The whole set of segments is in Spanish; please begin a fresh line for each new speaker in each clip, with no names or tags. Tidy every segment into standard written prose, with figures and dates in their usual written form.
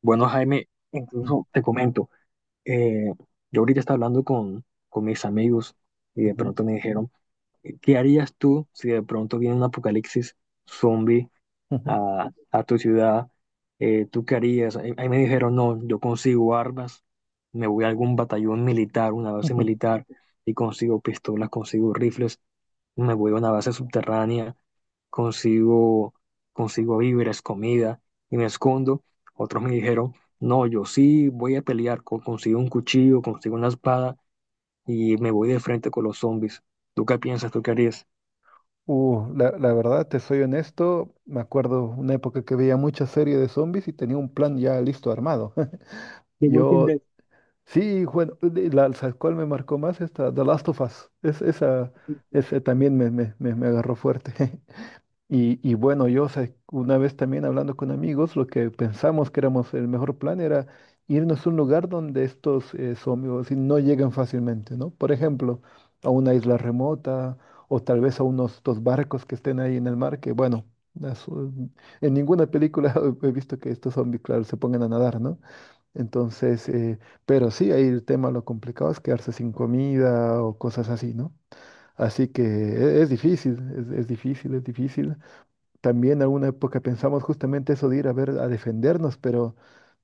Bueno, Jaime,
Mm,
incluso te comento, eh, yo ahorita estaba hablando con mis amigos y de
ujú,
pronto me dijeron, ¿qué harías tú si de pronto viene un apocalipsis zombie
ujú,
a tu ciudad? ¿Tú qué harías? Ahí me dijeron, no, yo consigo armas, me voy a algún batallón militar, una base
ujú.
militar, y consigo pistolas, consigo rifles, me voy a una base subterránea consigo, consigo víveres, comida y me escondo. Otros me dijeron, no, yo sí voy a pelear, consigo un cuchillo, consigo una espada y me voy de frente con los zombies. ¿Tú qué piensas? ¿Tú qué harías?
La verdad, te soy honesto, me acuerdo una época que veía muchas series de zombies y tenía un plan ya listo armado.
The Walking
Yo,
Dead
sí, bueno, de la, ¿sabes cuál me marcó más? Esta, The Last of Us. Es, esa, ese también me agarró fuerte. Y, y bueno, yo sé, una vez también hablando con amigos, lo que pensamos que éramos el mejor plan era irnos a un lugar donde estos zombies no llegan fácilmente, ¿no? Por ejemplo, a una isla remota o tal vez a unos dos barcos que estén ahí en el mar, que bueno, las, en ninguna película he visto que estos zombies, claro, se pongan a nadar, ¿no? Entonces, pero sí, ahí el tema, lo complicado es quedarse sin comida o cosas así, ¿no? Así que es difícil, es difícil. También alguna época pensamos justamente eso de ir a ver, a defendernos,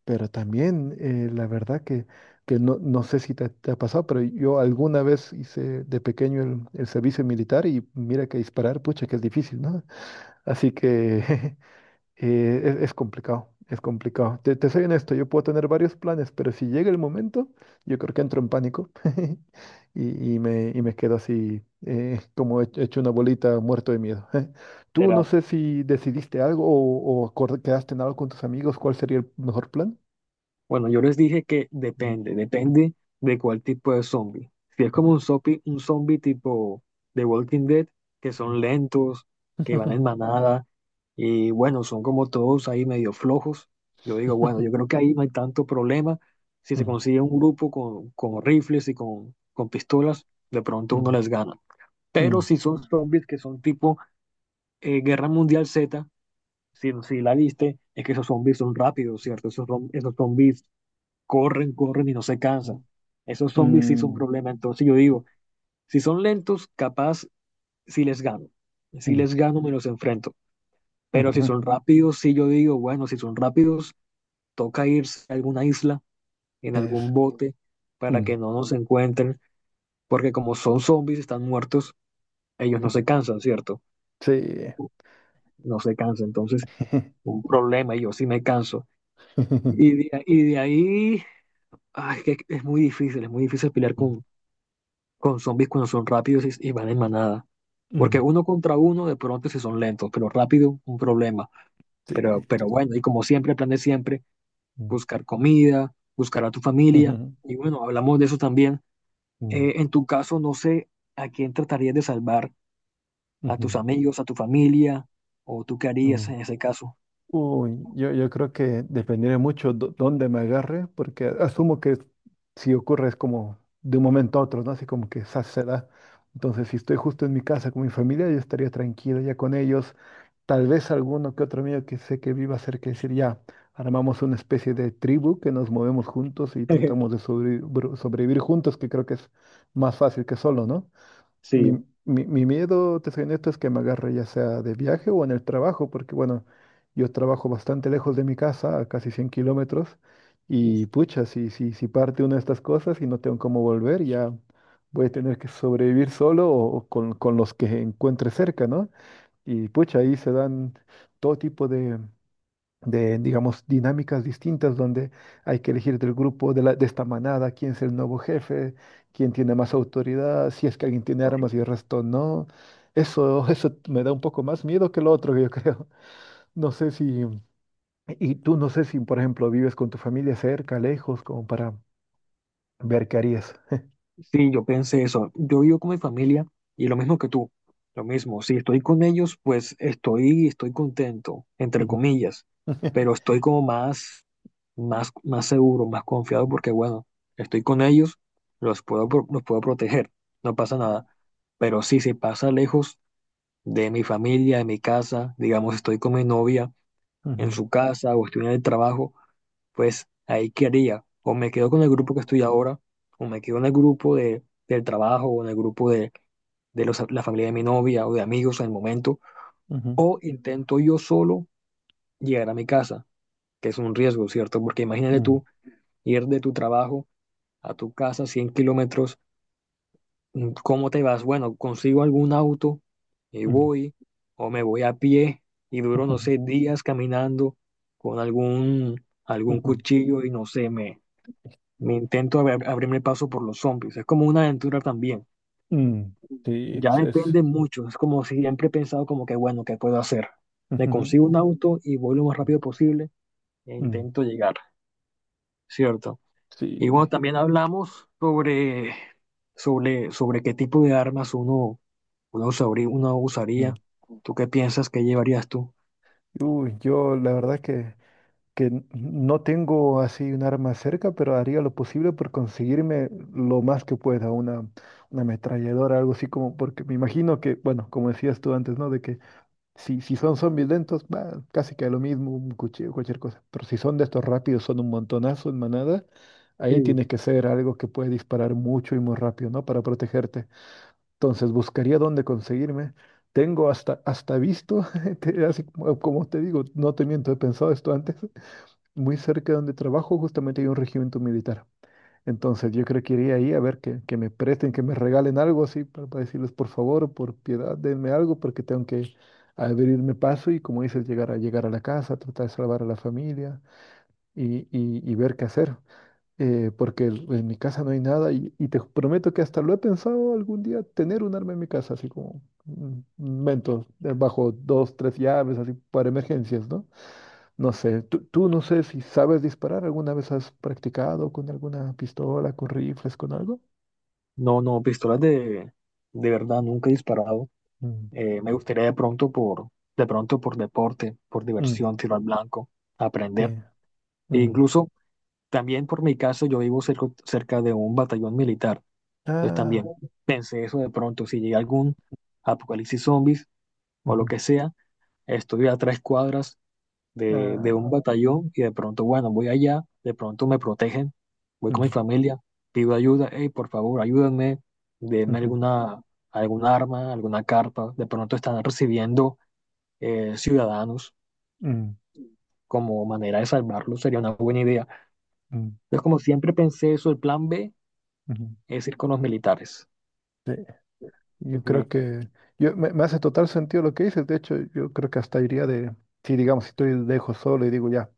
pero también la verdad que no, no sé si te, te ha pasado, pero yo alguna vez hice de pequeño el servicio militar y mira que disparar, pucha, que es difícil, ¿no? Así que Es, es complicado, es complicado. Te soy honesto, yo puedo tener varios planes, pero si llega el momento, yo creo que entro en pánico y me quedo así, como he hecho una bolita muerto de miedo. Tú no
será.
sé si decidiste algo o, quedaste en algo con tus amigos, ¿cuál sería el mejor plan?
Bueno, yo les dije que
Ujú,
depende, depende de cuál tipo de zombie. Si es como
ujú,
un zombie tipo de Walking Dead, que
ujú.
son lentos, que van en manada, y bueno, son como todos ahí medio flojos. Yo digo, bueno, yo creo que ahí no hay tanto problema. Si se
Mm,
consigue un grupo con rifles y con pistolas, de pronto uno
mm,
les gana. Pero
mm,
si son zombies que son tipo Guerra Mundial Z, si la viste, es que esos zombies son rápidos, ¿cierto? Esos, esos zombies corren, corren y no se cansan. Esos
mm,
zombies sí son un
mm,
problema. Entonces yo digo, si son lentos, capaz sí les gano. Si
mm,
les gano, me los enfrento. Pero si
ujú.
son rápidos, sí yo digo, bueno, si son rápidos, toca irse a alguna isla, en algún
Es.
bote, para
Mm,
que no nos encuentren, porque como son zombies, están muertos, ellos no
mm.
se cansan, ¿cierto?
Sí.
No se cansan. Entonces, un problema, y yo sí me canso. Y de ahí, ay, es que es muy difícil pelear
Mm,
con zombies cuando son rápidos y van en manada. Porque
mm,
uno contra uno, de pronto si son lentos, pero rápido, un problema.
sí.
Pero bueno, y como siempre, el plan de siempre,
Mm,
buscar comida, buscar a tu familia.
ujú,
Y bueno, hablamos de eso también.
mm,
En tu caso, no sé a quién tratarías de salvar, a tus
ujú,
amigos, a tu familia, o tú qué harías
mm.
en ese caso.
Uy, yo creo que dependeré mucho dónde me agarre, porque asumo que si ocurre es como de un momento a otro, ¿no? Así como que esa se da. Entonces, si estoy justo en mi casa con mi familia, yo estaría tranquilo ya con ellos. Tal vez alguno que otro amigo que sé que viva cerca, decir, ya, armamos una especie de tribu que nos movemos juntos y tratamos de sobrevivir juntos, que creo que es más fácil que solo, ¿no? Mi,
Sí,
mi miedo, te soy honesto, es que me agarre ya sea de viaje o en el trabajo, porque bueno, yo trabajo bastante lejos de mi casa, a casi 100 kilómetros, y pucha, si, si, si parte una de estas cosas y no tengo cómo volver, ya voy a tener que sobrevivir solo o con los que encuentre cerca, ¿no? Y pucha, ahí se dan todo tipo de, digamos, dinámicas distintas donde hay que elegir del grupo, de, de esta manada, quién es el nuevo jefe, quién tiene más autoridad, si es que alguien tiene armas y el resto no. Eso, eso me da un poco más miedo que lo otro, yo creo. No sé si, y tú no sé si, por ejemplo, vives con tu familia cerca, lejos, como para ver qué harías.
sí, yo pensé eso. Yo vivo con mi familia y lo mismo que tú. Lo mismo, si estoy con ellos, pues estoy, estoy contento, entre
Ujú.
comillas, pero estoy como más, más, más seguro, más confiado porque, bueno, estoy con ellos, los puedo, los puedo proteger, no pasa nada. Pero sí, si pasa lejos de mi familia, de mi casa, digamos, estoy con mi novia en
Ujú.
su casa o estoy en el trabajo, pues ahí qué haría. O me quedo con el grupo que estoy ahora, o me quedo en el grupo del trabajo, o en el grupo de la familia de mi novia o de amigos en el momento,
Ujú.
o intento yo solo llegar a mi casa, que es un riesgo, ¿cierto? Porque imagínate
Mm.
tú ir de tu trabajo a tu casa 100 kilómetros, mm, ¿cómo te vas? Bueno, consigo algún auto y
Mm.
voy, o me voy a pie y duro, no
Ujú.
sé, días caminando con algún
Ujú.
cuchillo y no sé, me intento abrirme paso por los zombies. Es como una aventura también.
Mm. Sí,
Ya depende mucho. Es como siempre he pensado como que, bueno, ¿qué puedo hacer? Me consigo un auto y voy lo más rápido posible e
Ujú. Mm.
intento llegar, ¿cierto? Y
Sí.
bueno, también hablamos sobre qué tipo de armas uno usaría. ¿Tú qué piensas que llevarías tú?
Uy, yo la verdad que no tengo así un arma cerca, pero haría lo posible por conseguirme lo más que pueda, una ametralladora, algo así como, porque me imagino que, bueno, como decías tú antes, ¿no? De que si, si son zombies lentos, va, casi que lo mismo, un cuchillo, cualquier cosa. Pero si son de estos rápidos, son un montonazo en manada, ahí
Sí.
tiene que ser algo que puede disparar mucho y muy rápido, ¿no? Para protegerte. Entonces buscaría dónde conseguirme. Tengo hasta, hasta visto, así como, como te digo, no te miento, he pensado esto antes. Muy cerca de donde trabajo justamente hay un regimiento militar. Entonces yo creo que iría ahí a ver que me presten, que me regalen algo así para decirles por favor, por piedad, denme algo porque tengo que abrirme paso y como dices, llegar a, llegar a la casa, tratar de salvar a la familia y ver qué hacer porque en mi casa no hay nada y, y te prometo que hasta lo he pensado algún día tener un arma en mi casa, así como un Mentos, bajo dos, tres llaves, así para emergencias, ¿no? No sé, tú no sé si sabes disparar, ¿alguna vez has practicado con alguna pistola, con rifles, con algo?
No, no, pistolas de verdad, nunca he disparado.
Mm,
Me gustaría de pronto por deporte, por
mm,
diversión, tiro al blanco, aprender.
sí,
E
mm.
incluso también por mi caso, yo vivo cerca, cerca de un batallón militar. Entonces
Ah,
también pensé eso de pronto, si llega algún apocalipsis zombies o lo
ujú,
que sea, estoy a 3 cuadras de un
ah,
batallón y de pronto, bueno, voy allá, de pronto me protegen, voy con mi
mm,
familia, pido ayuda, hey, por favor, ayúdenme, denme
ujú,
alguna, alguna arma, alguna carta, de pronto están recibiendo ciudadanos
mm,
como manera de salvarlos, sería una buena idea.
mm,
Entonces, como siempre pensé eso, el plan B
ujú,
es ir con los militares.
sí. Yo creo
Entonces,
que yo, me hace total sentido lo que dices. De hecho, yo creo que hasta iría de, si digamos, si estoy dejo solo y digo ya,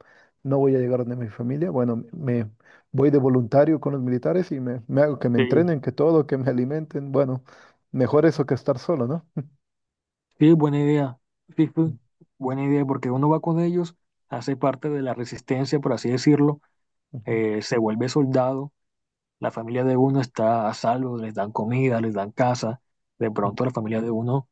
no voy a llegar donde mi familia, bueno, me voy de voluntario con los militares y me hago que me
sí, sí,
entrenen, que todo, que me alimenten. Bueno, mejor eso que estar solo, ¿no?
sí, buena idea. Sí,
Ujú,
sí, buena idea, porque uno va con ellos, hace parte de la resistencia, por así decirlo,
ujú,
se vuelve soldado, la familia de uno está a salvo, les dan comida, les dan casa, de pronto la familia de uno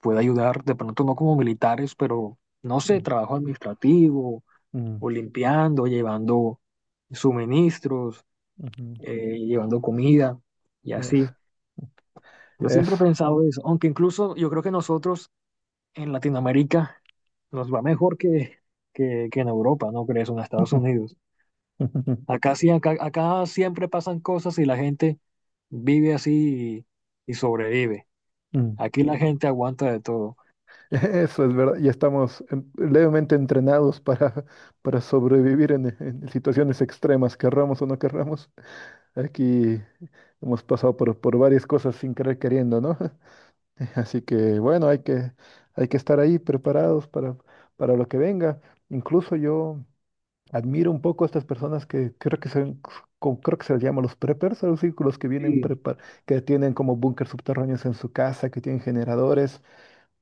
puede ayudar, de pronto no como militares, pero no sé, trabajo administrativo
ujú,
o limpiando, llevando suministros,
ujú, ujú.
llevando comida y
Es,
así. Yo siempre he
es.
pensado eso, aunque incluso yo creo que nosotros en Latinoamérica nos va mejor que en Europa, ¿no crees? O en Estados Unidos. Acá sí, acá, acá siempre pasan cosas y la gente vive así y sobrevive.
Mm,
Aquí la gente aguanta de todo.
eso es verdad, ya estamos levemente entrenados para, para sobrevivir en situaciones extremas, querramos o no querramos. Aquí hemos pasado por varias cosas sin querer queriendo, ¿no? Así que bueno, hay que estar ahí preparados para lo que venga. Incluso yo admiro un poco a estas personas que creo que se, creo que se les llama los preppers, a los círculos que vienen
Sí.
prepar, que tienen como búnker subterráneos en su casa, que tienen generadores.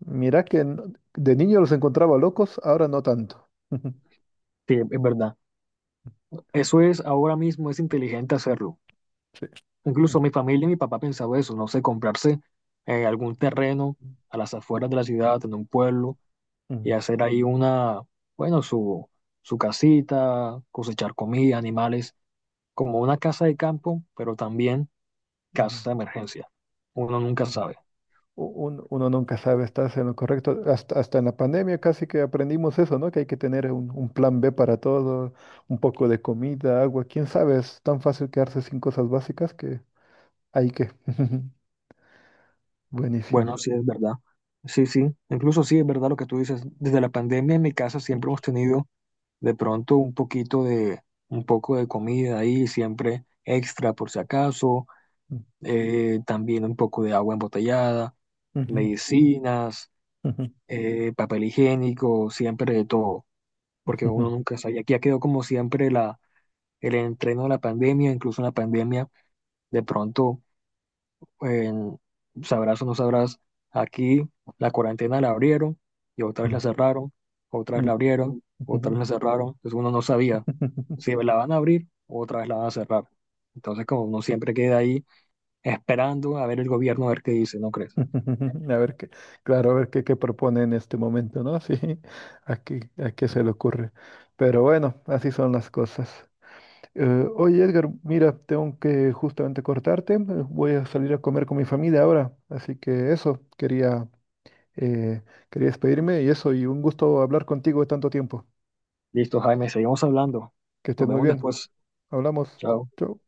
Mirá que no- de niño los encontraba locos, ahora no tanto.
Sí, es verdad. Eso es ahora mismo, es inteligente hacerlo.
Sí.
Incluso
Ujú,
mi familia y mi papá pensaba eso, no sé, comprarse algún terreno a las afueras de la ciudad, en un pueblo, y
ujú,
hacer ahí una, bueno, su casita, cosechar comida, animales, como una casa de campo, pero también
ujú.
casa de emergencia. Uno nunca
Sí.
sabe.
Uno nunca sabe, estás en lo correcto. Hasta, hasta en la pandemia casi que aprendimos eso, ¿no? Que hay que tener un plan B para todo, un poco de comida, agua. ¿Quién sabe? Es tan fácil quedarse sin cosas básicas que hay que. Buenísimo.
Bueno, sí es verdad. Sí, sí, incluso sí es verdad lo que tú dices. Desde la pandemia en mi casa siempre hemos tenido de pronto un poquito de, un poco de comida ahí, siempre extra por si acaso
Ujú,
también un poco de agua embotellada,
ujú,
medicinas,
ujú,
papel higiénico, siempre de todo, porque uno
ujú,
nunca sabe. Y aquí ya quedó como siempre la, el entreno de la pandemia, incluso en la pandemia, de pronto, en- sabrás o no sabrás, aquí la cuarentena la abrieron y otra vez la
ujú,
cerraron, otra vez la abrieron, otra
ujú.
vez la cerraron, entonces uno no sabía
Ujú.
si la van a abrir o otra vez la van a cerrar. Entonces, como uno siempre queda ahí esperando a ver el gobierno a ver qué dice, ¿no crees?
A ver qué, claro, a ver qué, qué propone en este momento, ¿no? Sí, a qué se le ocurre. Pero bueno, así son las cosas. Oye, Edgar, mira, tengo que justamente cortarte. Voy a salir a comer con mi familia ahora. Así que eso, quería, eh, quería despedirme y eso, y un gusto hablar contigo de tanto tiempo.
Listo, Jaime, seguimos hablando.
Que estés
Nos
muy
vemos
bien.
después.
Hablamos.
Chao.
Chau.